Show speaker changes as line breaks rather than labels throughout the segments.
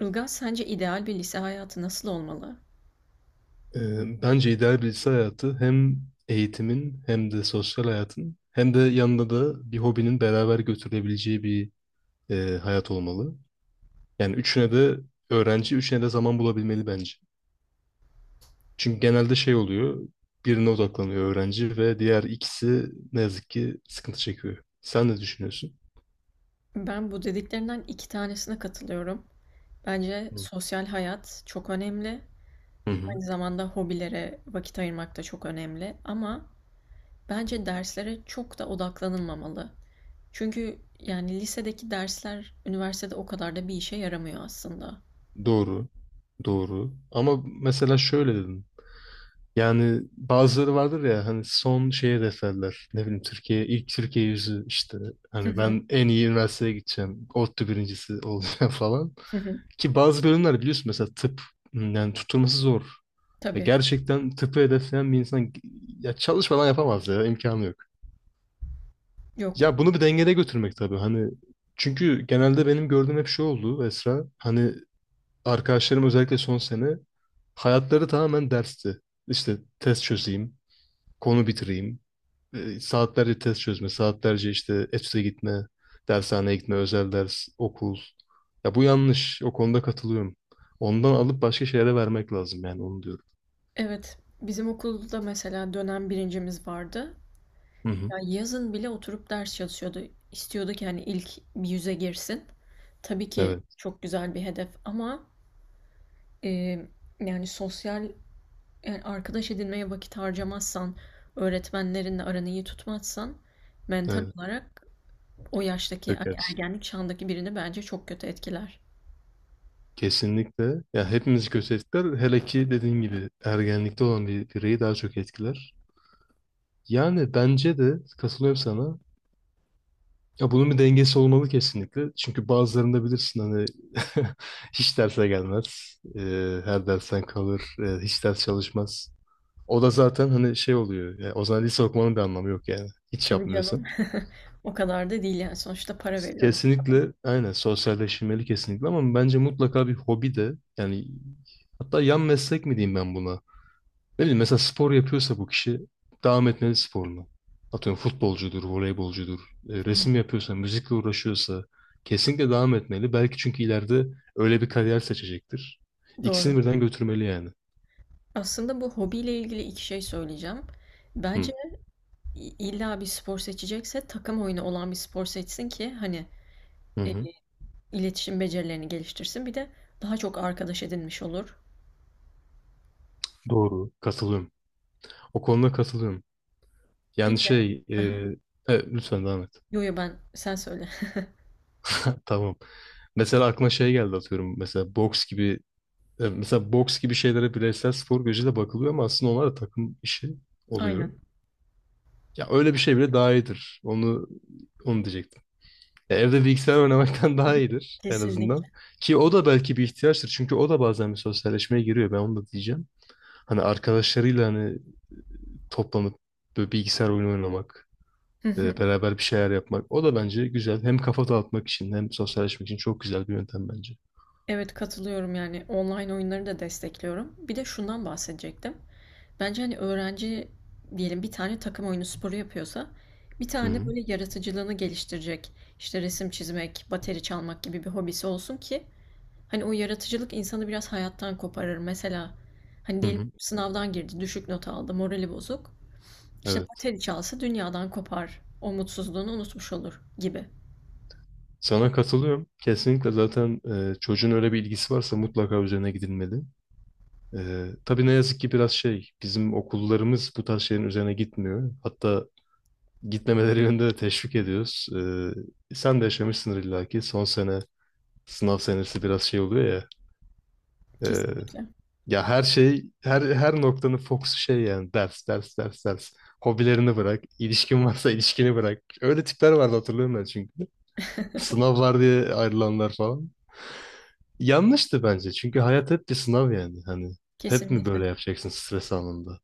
Ilgaz, sence ideal bir lise hayatı nasıl olmalı?
Bence ideal birisi hayatı hem eğitimin hem de sosyal hayatın hem de yanında da bir hobinin beraber götürülebileceği bir hayat olmalı. Yani üçüne de öğrenci, üçüne de zaman bulabilmeli bence. Çünkü genelde şey oluyor, birine odaklanıyor öğrenci ve diğer ikisi ne yazık ki sıkıntı çekiyor. Sen ne düşünüyorsun?
Ben bu dediklerinden iki tanesine katılıyorum. Bence sosyal hayat çok önemli.
Hı hı.
Aynı zamanda hobilere vakit ayırmak da çok önemli. Ama bence derslere çok da odaklanılmamalı. Çünkü yani lisedeki dersler üniversitede o kadar da bir işe yaramıyor aslında.
Doğru, doğru. Ama mesela şöyle dedim. Yani bazıları vardır ya hani son şeye defterler. Ne bileyim Türkiye ilk Türkiye yüzü işte
Hı
hani
hı,
ben en iyi üniversiteye gideceğim. ODTÜ birincisi olacağım falan.
hı hı.
Ki bazı bölümler biliyorsun mesela tıp yani tutturması zor. Ya
Tabii.
gerçekten tıpı hedefleyen bir insan ya çalışmadan yapamaz ya imkanı yok.
Yok.
Ya bunu bir dengede götürmek tabii hani çünkü genelde benim gördüğüm hep şey oldu Esra. Hani arkadaşlarım özellikle son sene hayatları tamamen dersti. İşte test çözeyim, konu bitireyim. Saatlerce test çözme, saatlerce işte EFS'e gitme, dershaneye gitme, özel ders, okul. Ya bu yanlış. O konuda katılıyorum. Ondan alıp başka şeylere vermek lazım yani onu diyorum.
Evet. Bizim okulda mesela dönem birincimiz vardı.
Hı hı.
Ya yazın bile oturup ders çalışıyordu. İstiyordu ki hani ilk bir yüze girsin. Tabii ki
Evet,
çok güzel bir hedef ama e, yani sosyal, yani arkadaş edinmeye vakit harcamazsan, öğretmenlerinle aranı iyi tutmazsan mental
evet.
olarak o yaştaki
Çok
hani ergenlik çağındaki birini bence çok kötü etkiler.
Kesinlikle. Ya hepimizi kötü etkiler. Hele ki dediğin gibi ergenlikte olan bir bireyi daha çok etkiler. Yani bence de katılıyorum sana. Ya bunun bir dengesi olmalı kesinlikle. Çünkü bazılarında bilirsin hani hiç derse gelmez. Her dersten kalır. Hiç ders çalışmaz. O da zaten hani şey oluyor. Ya o zaman lise okumanın bir anlamı yok yani. Hiç
Tabii canım.
yapmıyorsan.
O kadar da değil yani sonuçta para veriyoruz.
Kesinlikle aynen sosyalleşmeli kesinlikle ama bence mutlaka bir hobi de yani, hatta yan meslek mi diyeyim ben buna? Ne bileyim mesela spor yapıyorsa bu kişi devam etmeli sporuna. Atıyorum futbolcudur, voleybolcudur,
Hı hı.
resim yapıyorsa, müzikle uğraşıyorsa kesinlikle devam etmeli. Belki çünkü ileride öyle bir kariyer seçecektir.
Doğru.
İkisini birden götürmeli yani.
Aslında bu hobiyle ilgili iki şey söyleyeceğim.
Hı,
Bence İlla bir spor seçecekse takım oyunu olan bir spor seçsin ki hani
hı
e,
hı.
iletişim becerilerini geliştirsin. Bir de daha çok arkadaş edinmiş olur.
Doğru. Katılıyorum. O konuda katılıyorum.
Bir
Yani
de
şey,
aha.
lütfen devam et.
Yo yo, ben sen söyle.
Tamam. Mesela aklıma şey geldi atıyorum. Mesela boks gibi şeylere bireysel spor gözüyle bakılıyor ama aslında onlar da takım işi oluyor.
Aynen.
Ya öyle bir şey bile daha iyidir. Onu diyecektim. Ya evde bilgisayar oynamaktan daha iyidir en
Kesinlikle.
azından. Ki o da belki bir ihtiyaçtır. Çünkü o da bazen bir sosyalleşmeye giriyor. Ben onu da diyeceğim. Hani arkadaşlarıyla hani toplanıp böyle bilgisayar oyunu oynamak,
Hı hı.
beraber bir şeyler yapmak. O da bence güzel. Hem kafa dağıtmak için hem sosyalleşmek için çok güzel bir yöntem bence.
Evet, katılıyorum, yani online oyunları da destekliyorum. Bir de şundan bahsedecektim. Bence hani öğrenci diyelim bir tane takım oyunu sporu yapıyorsa, bir
Hı
tane de
hı.
böyle yaratıcılığını geliştirecek işte resim çizmek, bateri çalmak gibi bir hobisi olsun ki hani o yaratıcılık insanı biraz hayattan koparır. Mesela hani
Hı
diyelim
hı.
sınavdan girdi, düşük not aldı, morali bozuk. İşte
Evet.
bateri çalsa dünyadan kopar. O mutsuzluğunu unutmuş olur gibi.
Sana katılıyorum. Kesinlikle zaten çocuğun öyle bir ilgisi varsa mutlaka üzerine gidilmeli. Tabii ne yazık ki biraz şey, bizim okullarımız bu tarz şeylerin üzerine gitmiyor. Hatta gitmemeleri yönünde de teşvik ediyoruz. Sen de yaşamışsındır illa ki. Son sene, sınav senesi biraz şey oluyor ya. Ee,
Kesinlikle.
Ya her şey, her noktanın fokusu şey yani ders, ders, ders, ders. Hobilerini bırak, ilişkin varsa ilişkini bırak. Öyle tipler vardı hatırlıyorum ben çünkü. Sınav var diye ayrılanlar falan. Yanlıştı bence. Çünkü hayat hep bir sınav yani. Hani hep mi böyle
Kesinlikle.
yapacaksın stres anında?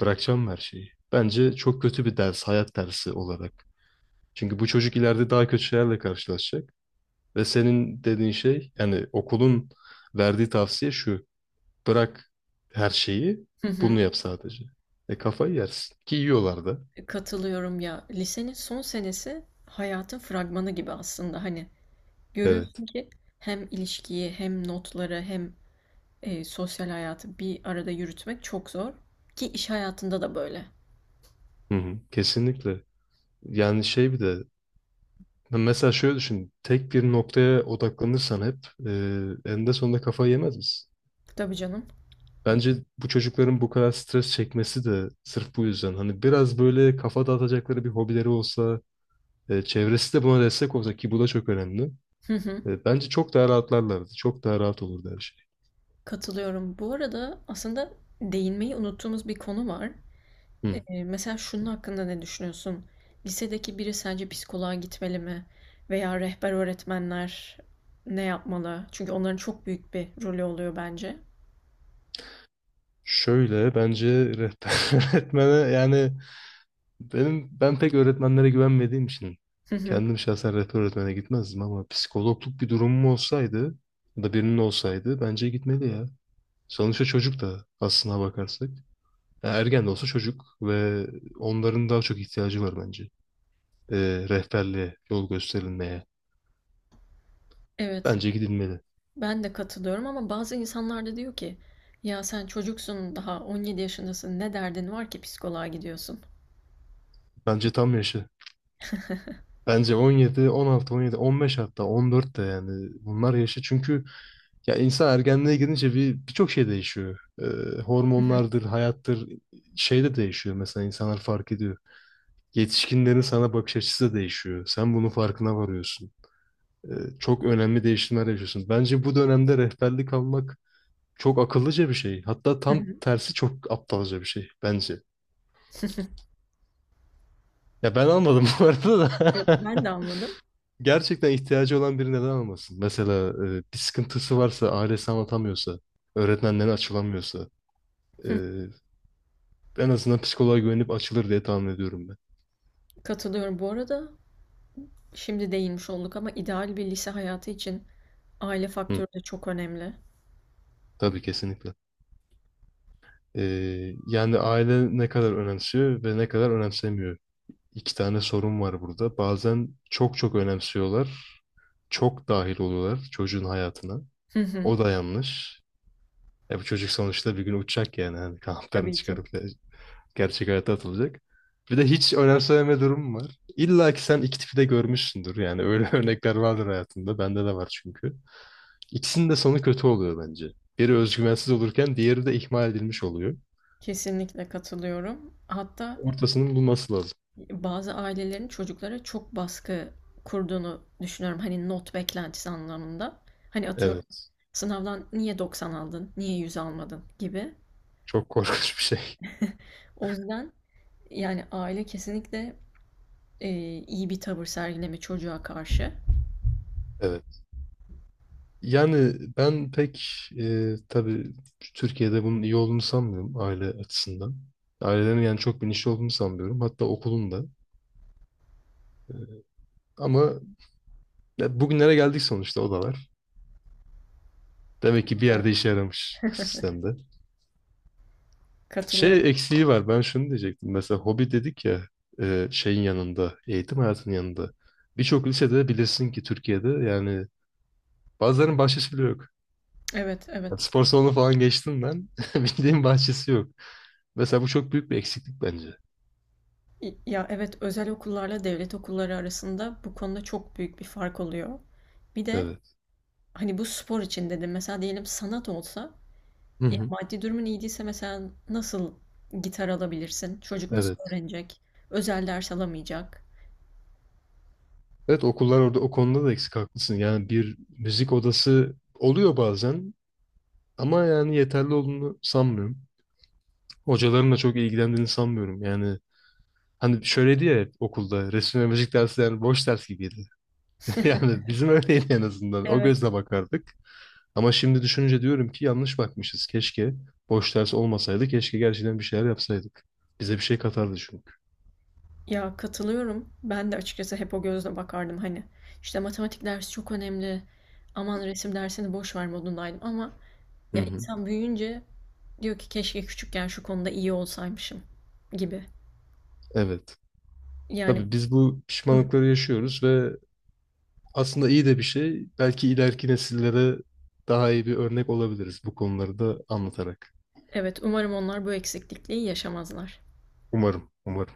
Bırakacağım her şeyi. Bence çok kötü bir ders, hayat dersi olarak. Çünkü bu çocuk ileride daha kötü şeylerle karşılaşacak. Ve senin dediğin şey, yani okulun verdiği tavsiye şu. Bırak her şeyi,
Hı hı.
bunu yap sadece. E kafayı yersin. Ki yiyorlar da.
Katılıyorum ya. Lisenin son senesi hayatın fragmanı gibi aslında. Hani
Evet.
görüyorsun ki hem ilişkiyi hem notları hem sosyal hayatı bir arada yürütmek çok zor. Ki iş hayatında da böyle.
Hı hı. Kesinlikle. Yani şey bir de. Ya mesela şöyle düşün. Tek bir noktaya odaklanırsan hep e, eninde sonunda kafayı yemez misin?
Tabii canım.
Bence bu çocukların bu kadar stres çekmesi de sırf bu yüzden. Hani biraz böyle kafa dağıtacakları bir hobileri olsa, çevresi de buna destek olsa ki bu da çok önemli. Bence çok daha rahatlarlardı. Çok daha rahat olurdu her şey.
Katılıyorum. Bu arada aslında değinmeyi unuttuğumuz bir konu var.
Hı.
Mesela şunun hakkında ne düşünüyorsun? Lisedeki biri sence psikoloğa gitmeli mi? Veya rehber öğretmenler ne yapmalı? Çünkü onların çok büyük bir rolü oluyor bence.
Şöyle bence rehber öğretmene yani. Ben pek öğretmenlere güvenmediğim için
Hı hı.
kendim şahsen rehber öğretmene gitmezdim ama psikologluk bir durumum olsaydı ya da birinin olsaydı bence gitmeli ya. Sonuçta çocuk da aslına bakarsak. Ya ergen de olsa çocuk ve onların daha çok ihtiyacı var bence. Rehberliğe, yol gösterilmeye.
Evet,
Bence gidilmeli.
ben de katılıyorum, ama bazı insanlar da diyor ki, ya sen çocuksun, daha 17 yaşındasın, ne derdin var ki psikoloğa gidiyorsun?
Bence tam yaşı. Bence 17, 16, 17, 15 hatta 14 de yani bunlar yaşı çünkü ya insan ergenliğe gidince birçok şey değişiyor.
Hı hı.
Hormonlardır, hayattır, şey de değişiyor, mesela insanlar fark ediyor. Yetişkinlerin sana bakış açısı da değişiyor. Sen bunun farkına varıyorsun. Çok önemli değişimler yaşıyorsun. Bence bu dönemde rehberlik almak çok akıllıca bir şey. Hatta
Hı
tam
hı.
tersi çok aptalca bir şey bence. Ya ben anladım bu arada da.
Yok, ben de anladım.
Gerçekten ihtiyacı olan biri neden almasın? Mesela bir sıkıntısı varsa, ailesi anlatamıyorsa, öğretmenlerine açılamıyorsa, e,
Hı.
en azından psikoloğa güvenip açılır diye tahmin ediyorum ben.
Katılıyorum. Bu arada şimdi değinmiş olduk ama ideal bir lise hayatı için aile
Hı,
faktörü de çok önemli.
tabii kesinlikle. E, Yani aile ne kadar önemsiyor ve ne kadar önemsemiyor. İki tane sorun var burada. Bazen çok çok önemsiyorlar, çok dahil oluyorlar çocuğun hayatına.
Hı hı.
O da yanlış. E bu çocuk sonuçta bir gün uçacak yani. Hani kanatlarını
Tabii ki.
çıkarıp gerçek hayata atılacak. Bir de hiç önemsememe durumu var. İlla ki sen iki tipi de görmüşsündür. Yani öyle örnekler vardır hayatında. Bende de var çünkü. İkisinin de sonu kötü oluyor bence. Biri özgüvensiz olurken diğeri de ihmal edilmiş oluyor.
Kesinlikle katılıyorum. Hatta
Ortasının bulması lazım.
bazı ailelerin çocuklara çok baskı kurduğunu düşünüyorum. Hani not beklentisi anlamında. Hani atıyorum
Evet.
sınavdan niye 90 aldın, niye 100 almadın gibi.
Çok korkunç bir şey.
O yüzden yani aile kesinlikle e, iyi bir tavır sergileme çocuğa karşı.
Evet. Yani ben pek tabii Türkiye'de bunun iyi olduğunu sanmıyorum aile açısından. Ailelerin yani çok bilinçli olduğunu sanmıyorum. Hatta okulun da. Ama ya bugünlere geldik sonuçta o da var. Demek ki bir
Evet.
yerde işe yaramış bu sistemde.
Katılıyorum.
Şey eksiği var. Ben şunu diyecektim. Mesela hobi dedik ya, şeyin yanında, eğitim hayatının yanında. Birçok lisede bilirsin ki Türkiye'de yani bazılarının bahçesi bile yok.
Evet,
Yani
evet.
spor salonu falan geçtim ben. Bildiğim bahçesi yok. Mesela bu çok büyük bir eksiklik bence.
Ya evet, özel okullarla devlet okulları arasında bu konuda çok büyük bir fark oluyor. Bir de
Evet.
hani bu spor için dedim, mesela diyelim sanat olsa,
Hı
ya
hı.
maddi durumun iyi değilse mesela nasıl gitar alabilirsin? Çocuk nasıl
Evet.
öğrenecek? Özel ders alamayacak.
Evet, okullar orada o konuda da eksik haklısın. Yani bir müzik odası oluyor bazen ama yani yeterli olduğunu sanmıyorum. Hocaların da çok ilgilendiğini sanmıyorum. Yani, hani şöyle diyor, hep okulda resim ve müzik dersi yani boş ders gibiydi. Yani bizim öyleydi en azından. O
Evet.
gözle bakardık. Ama şimdi düşününce diyorum ki yanlış bakmışız. Keşke boş ders olmasaydı. Keşke gerçekten bir şeyler yapsaydık. Bize bir şey katardı çünkü.
Ya katılıyorum. Ben de açıkçası hep o gözle bakardım hani. İşte matematik dersi çok önemli. Aman resim dersini boş ver modundaydım ama
Hı
ya
hı.
insan büyüyünce diyor ki keşke küçükken şu konuda iyi olsaymışım gibi.
Evet.
Yani
Tabii biz bu pişmanlıkları yaşıyoruz ve aslında iyi de bir şey. Belki ileriki nesillere daha iyi bir örnek olabiliriz bu konuları da anlatarak.
evet, umarım onlar bu eksiklikliği yaşamazlar.
Umarım, umarım.